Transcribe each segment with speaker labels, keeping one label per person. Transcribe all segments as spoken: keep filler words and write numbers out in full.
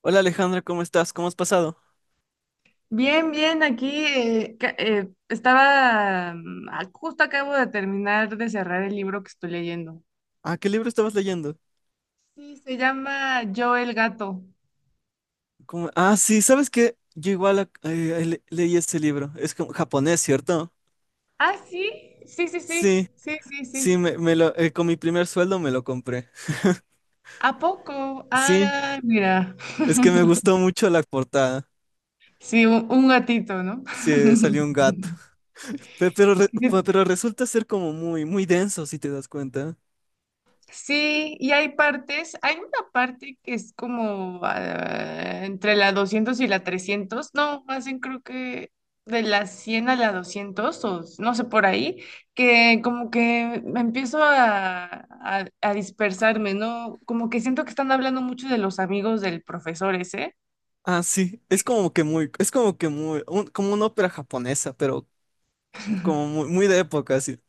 Speaker 1: Hola Alejandra, ¿cómo estás? ¿Cómo has pasado?
Speaker 2: Bien, bien, aquí eh, ca- eh, estaba, mm, ah, justo acabo de terminar de cerrar el libro que estoy leyendo.
Speaker 1: Ah, ¿qué libro estabas leyendo?
Speaker 2: Sí, se llama Yo el gato.
Speaker 1: ¿Cómo- Ah, sí, ¿sabes qué? Yo igual ac- eh, le- leí ese libro. Es como japonés, ¿cierto?
Speaker 2: Ah, sí, sí, sí, sí,
Speaker 1: Sí,
Speaker 2: sí, sí,
Speaker 1: sí,
Speaker 2: sí.
Speaker 1: me, me lo, eh, con mi primer sueldo me lo compré.
Speaker 2: ¿A poco?
Speaker 1: Sí,
Speaker 2: Ah, mira.
Speaker 1: es que me gustó mucho la portada.
Speaker 2: Sí, un, un gatito, ¿no?
Speaker 1: Sí, salió un gato. Pe- Pero, re- pe- pero resulta ser como muy, muy denso, si te das cuenta.
Speaker 2: Sí, y hay partes, hay una parte que es como ah, entre la doscientos y la trescientos, no, más bien creo que de la cien a la doscientos o no sé por ahí, que como que me empiezo a, a, a dispersarme, ¿no? Como que siento que están hablando mucho de los amigos del profesor ese.
Speaker 1: Ah, sí, es como que muy, es como que muy, un- como una ópera japonesa, pero como muy, muy de época, sí.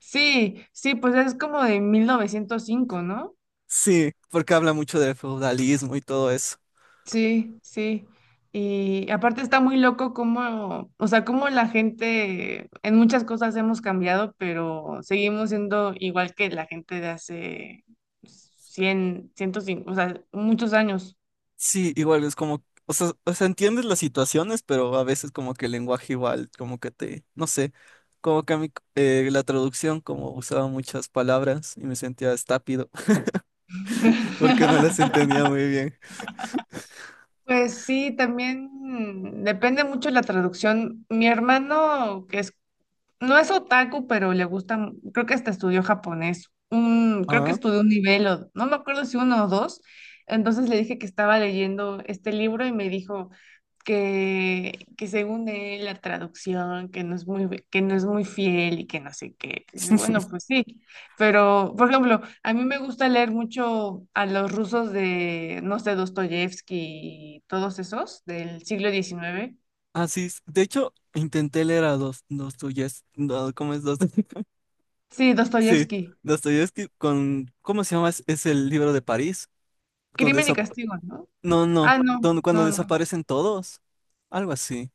Speaker 2: Sí, sí, pues es como de mil novecientos cinco, ¿no?
Speaker 1: Sí, porque habla mucho del feudalismo y todo eso.
Speaker 2: Sí, sí. Y aparte está muy loco cómo, o sea, cómo la gente, en muchas cosas hemos cambiado, pero seguimos siendo igual que la gente de hace cien, ciento 105, o sea, muchos años.
Speaker 1: Sí, igual es como, o sea, o sea, entiendes las situaciones, pero a veces como que el lenguaje igual, como que te, no sé, como que a mí eh, la traducción como usaba muchas palabras y me sentía estápido porque no las entendía muy bien.
Speaker 2: Pues sí, también depende mucho de la traducción. Mi hermano, que es no es otaku, pero le gusta, creo que hasta estudió japonés. Un, creo que
Speaker 1: Ah,
Speaker 2: estudió un nivel, o, no me acuerdo si uno o dos. Entonces le dije que estaba leyendo este libro y me dijo que, que según él la traducción, que no es muy, ve- que no es muy fiel y que no sé qué. Dices, bueno, pues sí. Pero, por ejemplo, a mí me gusta leer mucho a los rusos de, no sé, Dostoyevsky y todos esos del siglo diecinueve.
Speaker 1: ah, sí, s- de hecho, intenté leer a dos, Dostoyevsky, no, ¿cómo es Dostoyevsky?
Speaker 2: Sí,
Speaker 1: Sí,
Speaker 2: Dostoyevsky.
Speaker 1: Dostoyevsky con, ¿cómo se llama? Es, es el libro de París, donde,
Speaker 2: Crimen y
Speaker 1: esa-
Speaker 2: castigo, ¿no?
Speaker 1: no, no,
Speaker 2: Ah, no,
Speaker 1: donde, cuando
Speaker 2: no, no.
Speaker 1: desaparecen todos, algo así.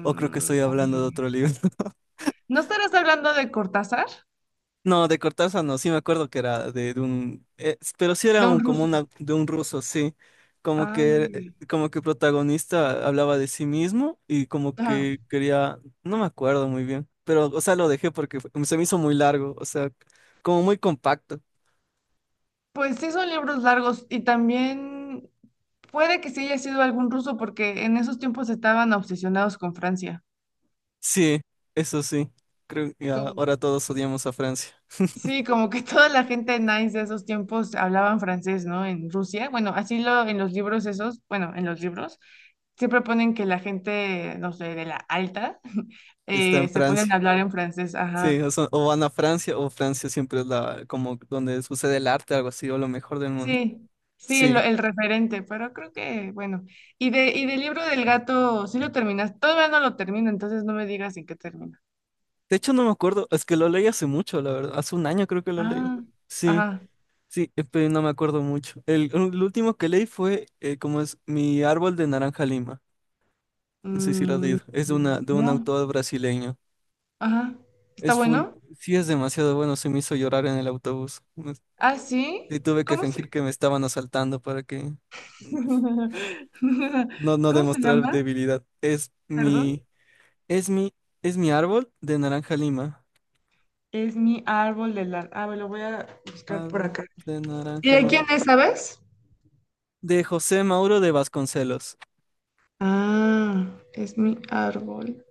Speaker 1: O creo que estoy hablando de otro libro.
Speaker 2: ¿no estarás hablando de Cortázar?
Speaker 1: No, de Cortázar no, sí me acuerdo que era de, de un, eh, pero sí era
Speaker 2: De un
Speaker 1: un, como
Speaker 2: ruso.
Speaker 1: una, de un ruso, sí, como
Speaker 2: Ah, no,
Speaker 1: que, eh,
Speaker 2: mira.
Speaker 1: como que el protagonista hablaba de sí mismo y como
Speaker 2: Ajá.
Speaker 1: que quería, no me acuerdo muy bien, pero, o sea, lo dejé porque fue- se me hizo muy largo, o sea, como muy compacto.
Speaker 2: Pues sí son libros largos y también puede que sí haya sido algún ruso porque en esos tiempos estaban obsesionados con Francia.
Speaker 1: Sí, eso sí, creo que
Speaker 2: Como-
Speaker 1: ahora todos odiamos a Francia,
Speaker 2: sí, como que toda la gente nice de esos tiempos hablaban francés, ¿no? En Rusia. Bueno, así lo en los libros esos, bueno, en los libros siempre ponen que la gente, no sé, de la alta,
Speaker 1: está
Speaker 2: eh,
Speaker 1: en
Speaker 2: se ponen a
Speaker 1: Francia,
Speaker 2: hablar en francés,
Speaker 1: sí,
Speaker 2: ajá.
Speaker 1: o, sea, o van a Francia o Francia siempre es la, como donde sucede el arte, algo así, o lo mejor del mundo,
Speaker 2: Sí, sí, el,
Speaker 1: sí.
Speaker 2: el referente, pero creo que, bueno. Y de, y del libro del gato, sí lo terminas. Todavía no lo termino, entonces no me digas en qué termina.
Speaker 1: De hecho, no me acuerdo, es que lo leí hace mucho, la verdad, hace un año creo que lo leí.
Speaker 2: Ah,
Speaker 1: Sí,
Speaker 2: ajá.
Speaker 1: sí, eh, pero no me acuerdo mucho. El, el último que leí fue, eh, como es, Mi árbol de naranja lima. No sé si lo has
Speaker 2: Mm,
Speaker 1: leído, es de, una, de un
Speaker 2: no,
Speaker 1: autor brasileño.
Speaker 2: ajá. ¿Está
Speaker 1: Es full,
Speaker 2: bueno?
Speaker 1: sí es demasiado bueno, se me hizo llorar en el autobús. Me-
Speaker 2: Ah,
Speaker 1: Y
Speaker 2: sí.
Speaker 1: tuve que
Speaker 2: ¿Cómo
Speaker 1: fingir
Speaker 2: se...
Speaker 1: que me estaban asaltando para que no, no
Speaker 2: ¿Cómo se
Speaker 1: demostrar
Speaker 2: llama?
Speaker 1: debilidad. Es
Speaker 2: Perdón.
Speaker 1: mi, es mi, es mi árbol de naranja lima.
Speaker 2: Es mi árbol de la... Ah, me lo voy a buscar por
Speaker 1: Árbol
Speaker 2: acá.
Speaker 1: de
Speaker 2: ¿Y
Speaker 1: naranja
Speaker 2: de quién
Speaker 1: lima,
Speaker 2: es, sabes?
Speaker 1: de José Mauro de Vasconcelos.
Speaker 2: Ah, es mi árbol.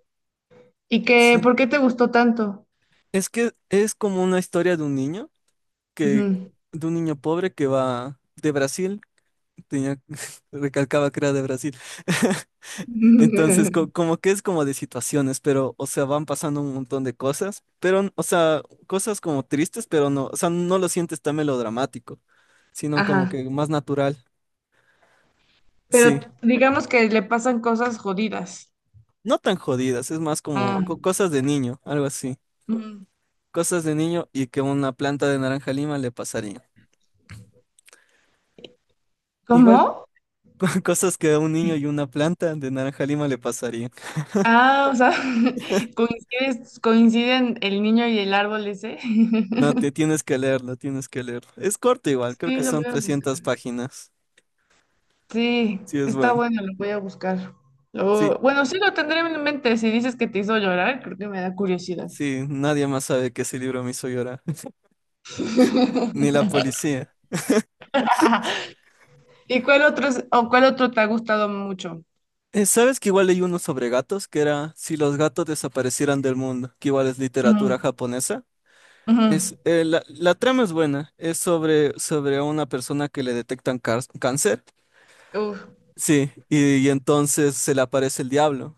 Speaker 2: ¿Y qué,
Speaker 1: Sí.
Speaker 2: por qué te gustó tanto?
Speaker 1: Es que es como una historia de un niño que,
Speaker 2: Ujú.
Speaker 1: de un niño pobre que va de Brasil, tenía, recalcaba que era de Brasil. Entonces, co- como que es como de situaciones, pero, o sea, van pasando un montón de cosas, pero, o sea, cosas como tristes, pero no, o sea, no lo sientes tan melodramático, sino como
Speaker 2: Ajá.
Speaker 1: que más natural.
Speaker 2: Pero
Speaker 1: Sí.
Speaker 2: digamos que le pasan cosas jodidas.
Speaker 1: No tan jodidas, es más como
Speaker 2: Ah,
Speaker 1: co- cosas de niño, algo así.
Speaker 2: mm,
Speaker 1: Cosas de niño y que una planta de naranja lima le pasaría. Igual
Speaker 2: ¿Cómo?
Speaker 1: cosas que a un niño y una planta de naranja lima le pasarían.
Speaker 2: Ah, o sea, coincides- coinciden el niño y el árbol ese.
Speaker 1: No, te tienes que leerlo, tienes que leerlo. Es corto igual, creo
Speaker 2: Sí,
Speaker 1: que
Speaker 2: lo voy
Speaker 1: son
Speaker 2: a
Speaker 1: trescientas
Speaker 2: buscar.
Speaker 1: páginas.
Speaker 2: Sí,
Speaker 1: Sí, es
Speaker 2: está
Speaker 1: bueno.
Speaker 2: bueno, lo voy a buscar. Lo-
Speaker 1: Sí,
Speaker 2: bueno, sí lo tendré en mente. Si dices que te hizo llorar, creo que me da curiosidad.
Speaker 1: sí, nadie más sabe que ese libro me hizo llorar, ni la policía.
Speaker 2: ¿Y cuál otro es- o cuál otro te ha gustado mucho?
Speaker 1: Eh, ¿sabes que igual leí uno sobre gatos? Que era Si los gatos desaparecieran del mundo, que igual es literatura
Speaker 2: Ujú,
Speaker 1: japonesa. Es,
Speaker 2: ujú.
Speaker 1: eh, la, la trama es buena, es sobre, sobre a una persona que le detectan car- cáncer.
Speaker 2: Uf,
Speaker 1: Sí, y, y entonces se le aparece el diablo.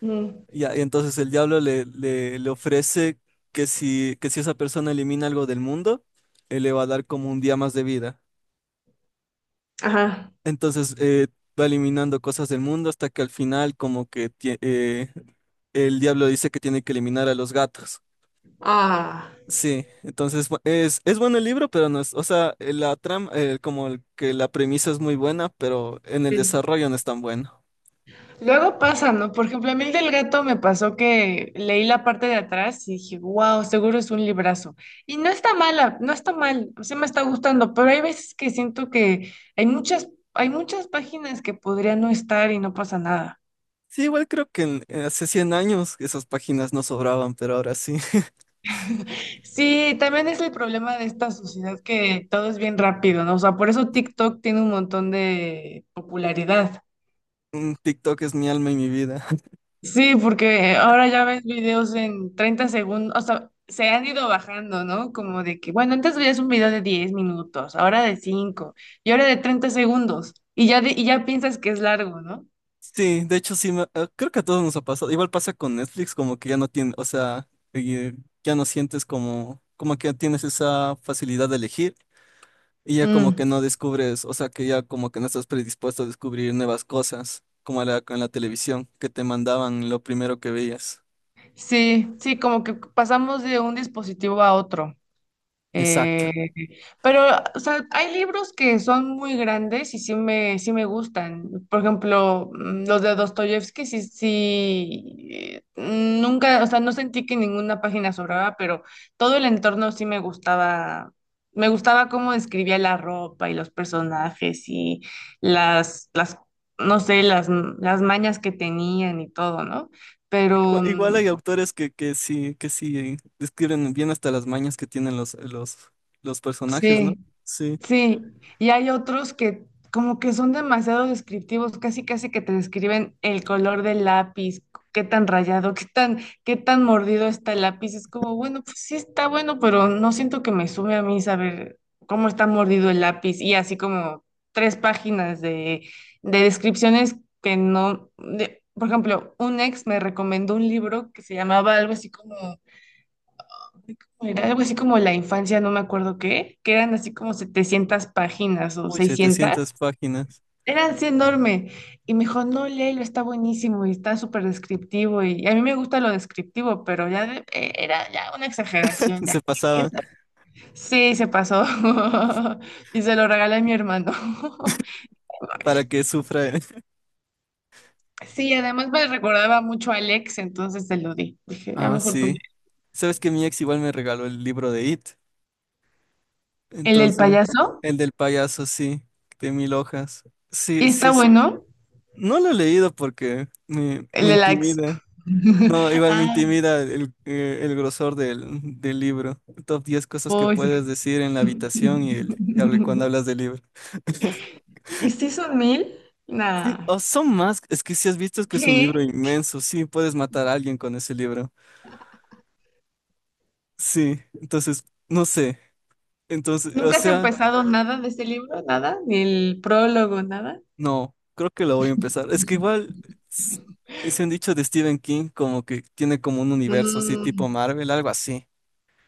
Speaker 2: mm,
Speaker 1: Y, a- y entonces el diablo le, le, le ofrece que si, que si esa persona elimina algo del mundo, él le va a dar como un día más de vida.
Speaker 2: ajá.
Speaker 1: Entonces eh, va eliminando cosas del mundo hasta que al final como que tie- eh, el diablo dice que tiene que eliminar a los gatos.
Speaker 2: Ah.
Speaker 1: Sí, entonces bu- es, es bueno el libro, pero no es, o sea, eh, la trama, eh, como el- que la premisa es muy buena, pero en el
Speaker 2: Sí.
Speaker 1: desarrollo no es tan bueno.
Speaker 2: Luego pasa, ¿no? Por ejemplo, a mí el del gato me pasó que leí la parte de atrás y dije, wow, seguro es un librazo. Y no está mala, no está mal, o sea, me está gustando, pero hay veces que siento que hay muchas, hay muchas páginas que podrían no estar y no pasa nada.
Speaker 1: Sí, igual creo que en- en hace cien años esas páginas no sobraban, pero ahora sí.
Speaker 2: Sí, también es el problema de esta sociedad que todo es bien rápido, ¿no? O sea, por eso TikTok tiene un montón de popularidad.
Speaker 1: Mm, TikTok es mi alma y mi vida.
Speaker 2: Sí, porque ahora ya ves videos en treinta segundos, o sea, se han ido bajando, ¿no? Como de que, bueno, antes veías un video de diez minutos, ahora de cinco y ahora de treinta segundos y ya, de- y ya piensas que es largo, ¿no?
Speaker 1: Sí, de hecho sí, me- eh, creo que a todos nos ha pasado. Igual pasa con Netflix, como que ya no tiene, o sea, eh, ya no sientes como, como, que tienes esa facilidad de elegir y ya como
Speaker 2: Mm,
Speaker 1: que no descubres, o sea, que ya como que no estás predispuesto a descubrir nuevas cosas, como la, con la televisión, que te mandaban lo primero que veías.
Speaker 2: sí, sí, como que pasamos de un dispositivo a otro. Eh,
Speaker 1: Exacto.
Speaker 2: pero, o sea, hay libros que son muy grandes y sí me, sí me gustan. Por ejemplo, mm, los de Dostoyevsky, sí, sí, eh, nunca, o sea, no sentí que ninguna página sobraba, pero todo el entorno sí me gustaba. Me gustaba cómo describía la ropa y los personajes y las, las, no sé, las, las mañas que tenían y todo, ¿no? Pero,
Speaker 1: Igua- Igual
Speaker 2: mm,
Speaker 1: hay autores que, que sí, que sí describen bien hasta las mañas que tienen los, los, los personajes, ¿no?
Speaker 2: sí.
Speaker 1: Sí.
Speaker 2: Sí, y hay otros que como que son demasiado descriptivos, casi casi que te describen el color del lápiz, qué tan rayado, qué tan, qué tan mordido está el lápiz. Es como, bueno, pues sí está bueno, pero no siento que me sube a mí saber cómo está mordido el lápiz. Y así como tres páginas de, de descripciones que no, de- por ejemplo, un ex me recomendó un libro que se llamaba algo así como era algo así como la infancia, no me acuerdo qué, que eran así como setecientas páginas o
Speaker 1: Uy, setecientas
Speaker 2: seiscientas.
Speaker 1: páginas.
Speaker 2: Era así enorme. Y me dijo, no, léelo, está buenísimo y está súper descriptivo. Y, a mí me gusta lo descriptivo, pero ya de- eh, era ya una exageración. Ya.
Speaker 1: Se pasaban
Speaker 2: Sí, se pasó. Y se lo regalé a mi hermano.
Speaker 1: para que sufra. eh.
Speaker 2: Sí, además me recordaba mucho a Alex, entonces se lo di. Dije, "a
Speaker 1: Ah,
Speaker 2: mejor tú,
Speaker 1: sí.
Speaker 2: léelo".
Speaker 1: Sabes que mi ex igual me regaló el libro de It.
Speaker 2: El del
Speaker 1: Entonces,
Speaker 2: payaso,
Speaker 1: el del payaso, sí, de mil hojas. Sí,
Speaker 2: y
Speaker 1: sí,
Speaker 2: está
Speaker 1: eso.
Speaker 2: bueno.
Speaker 1: No lo he leído porque me,
Speaker 2: El
Speaker 1: me
Speaker 2: de la ex.
Speaker 1: intimida. No, igual me
Speaker 2: Ah.
Speaker 1: intimida el, eh, el grosor del, del libro. Top diez cosas que
Speaker 2: Uy, sí.
Speaker 1: puedes decir en la habitación y, el, y hable- cuando hablas del libro.
Speaker 2: ¿Y si son mil?
Speaker 1: Sí,
Speaker 2: Nada.
Speaker 1: o son más, es que si has visto es que es un
Speaker 2: ¿Qué?
Speaker 1: libro inmenso, sí, puedes matar a alguien con ese libro. Sí, entonces, no sé. Entonces, o
Speaker 2: ¿Nunca has
Speaker 1: sea,
Speaker 2: empezado nada de este libro? ¿Nada? ¿Ni el prólogo? ¿Nada?
Speaker 1: no, creo que lo voy a empezar. Es que igual, s- se han dicho de Stephen King como que tiene como un universo así tipo
Speaker 2: Mm,
Speaker 1: Marvel, algo así.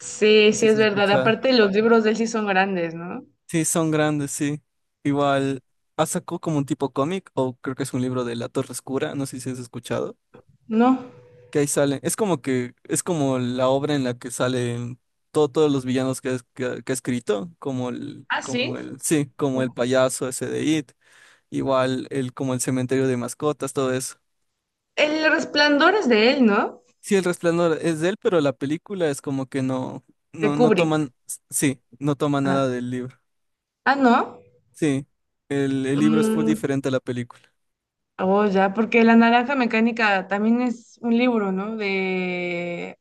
Speaker 2: sí, sí,
Speaker 1: Así se
Speaker 2: es verdad.
Speaker 1: escucha.
Speaker 2: Aparte, los libros de él sí son grandes, ¿no?
Speaker 1: Sí, son grandes, sí. Igual, ha sacado como un tipo cómic, o creo que es un libro de La Torre Oscura, no sé si has escuchado,
Speaker 2: No.
Speaker 1: que ahí sale. Es como que, es como la obra en la que salen todo- todos los villanos que, es- que, que ha escrito, como el,
Speaker 2: Ah, sí.
Speaker 1: como el, sí, como el payaso ese de It, igual el, como el cementerio de mascotas, todo eso.
Speaker 2: El Resplandor es de él, ¿no?
Speaker 1: Sí, El Resplandor es de él, pero la película es como que no,
Speaker 2: De
Speaker 1: no, no
Speaker 2: Kubrick.
Speaker 1: toman, sí, no toma
Speaker 2: Ah,
Speaker 1: nada del libro.
Speaker 2: ah, ¿no?
Speaker 1: Sí, el, el libro es full
Speaker 2: Mm,
Speaker 1: diferente a la película.
Speaker 2: oh, ya, porque La Naranja Mecánica también es un libro, ¿no? De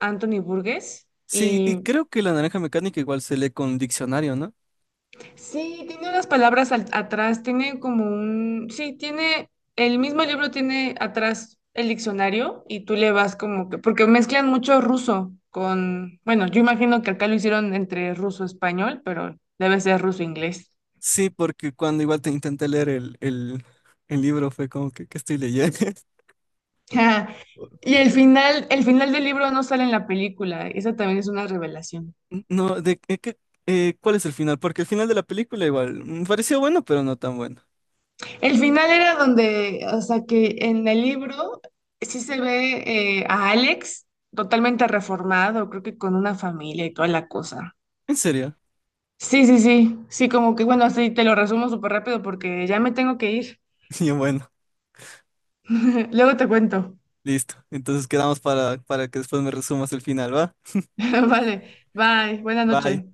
Speaker 2: Anthony Burgess.
Speaker 1: Sí, y
Speaker 2: Y...
Speaker 1: creo que la naranja mecánica igual se lee con diccionario, ¿no?
Speaker 2: Sí, tiene unas palabras al- atrás, tiene como un, sí, tiene, el mismo libro tiene atrás el diccionario y tú le vas como que, porque mezclan mucho ruso con, bueno, yo imagino que acá lo hicieron entre ruso-español, pero debe ser ruso-inglés.
Speaker 1: Sí, porque cuando igual te intenté leer el, el, el libro fue como que, ¿qué estoy leyendo?
Speaker 2: Y el final, el final del libro no sale en la película, esa también es una revelación.
Speaker 1: No, de qué, qué- eh, ¿cuál es el final? Porque el final de la película igual me pareció bueno, pero no tan bueno.
Speaker 2: El final era donde, o sea, que en el libro sí se ve eh, a Alex totalmente reformado, creo que con una familia y toda la cosa.
Speaker 1: ¿En serio?
Speaker 2: Sí, sí, sí, sí, como que bueno, así te lo resumo súper rápido porque ya me tengo que ir.
Speaker 1: Y yo, bueno,
Speaker 2: Luego te cuento.
Speaker 1: listo. Entonces quedamos para, para que después me resumas el final, ¿va?
Speaker 2: Vale, bye, buena
Speaker 1: Bye.
Speaker 2: noche.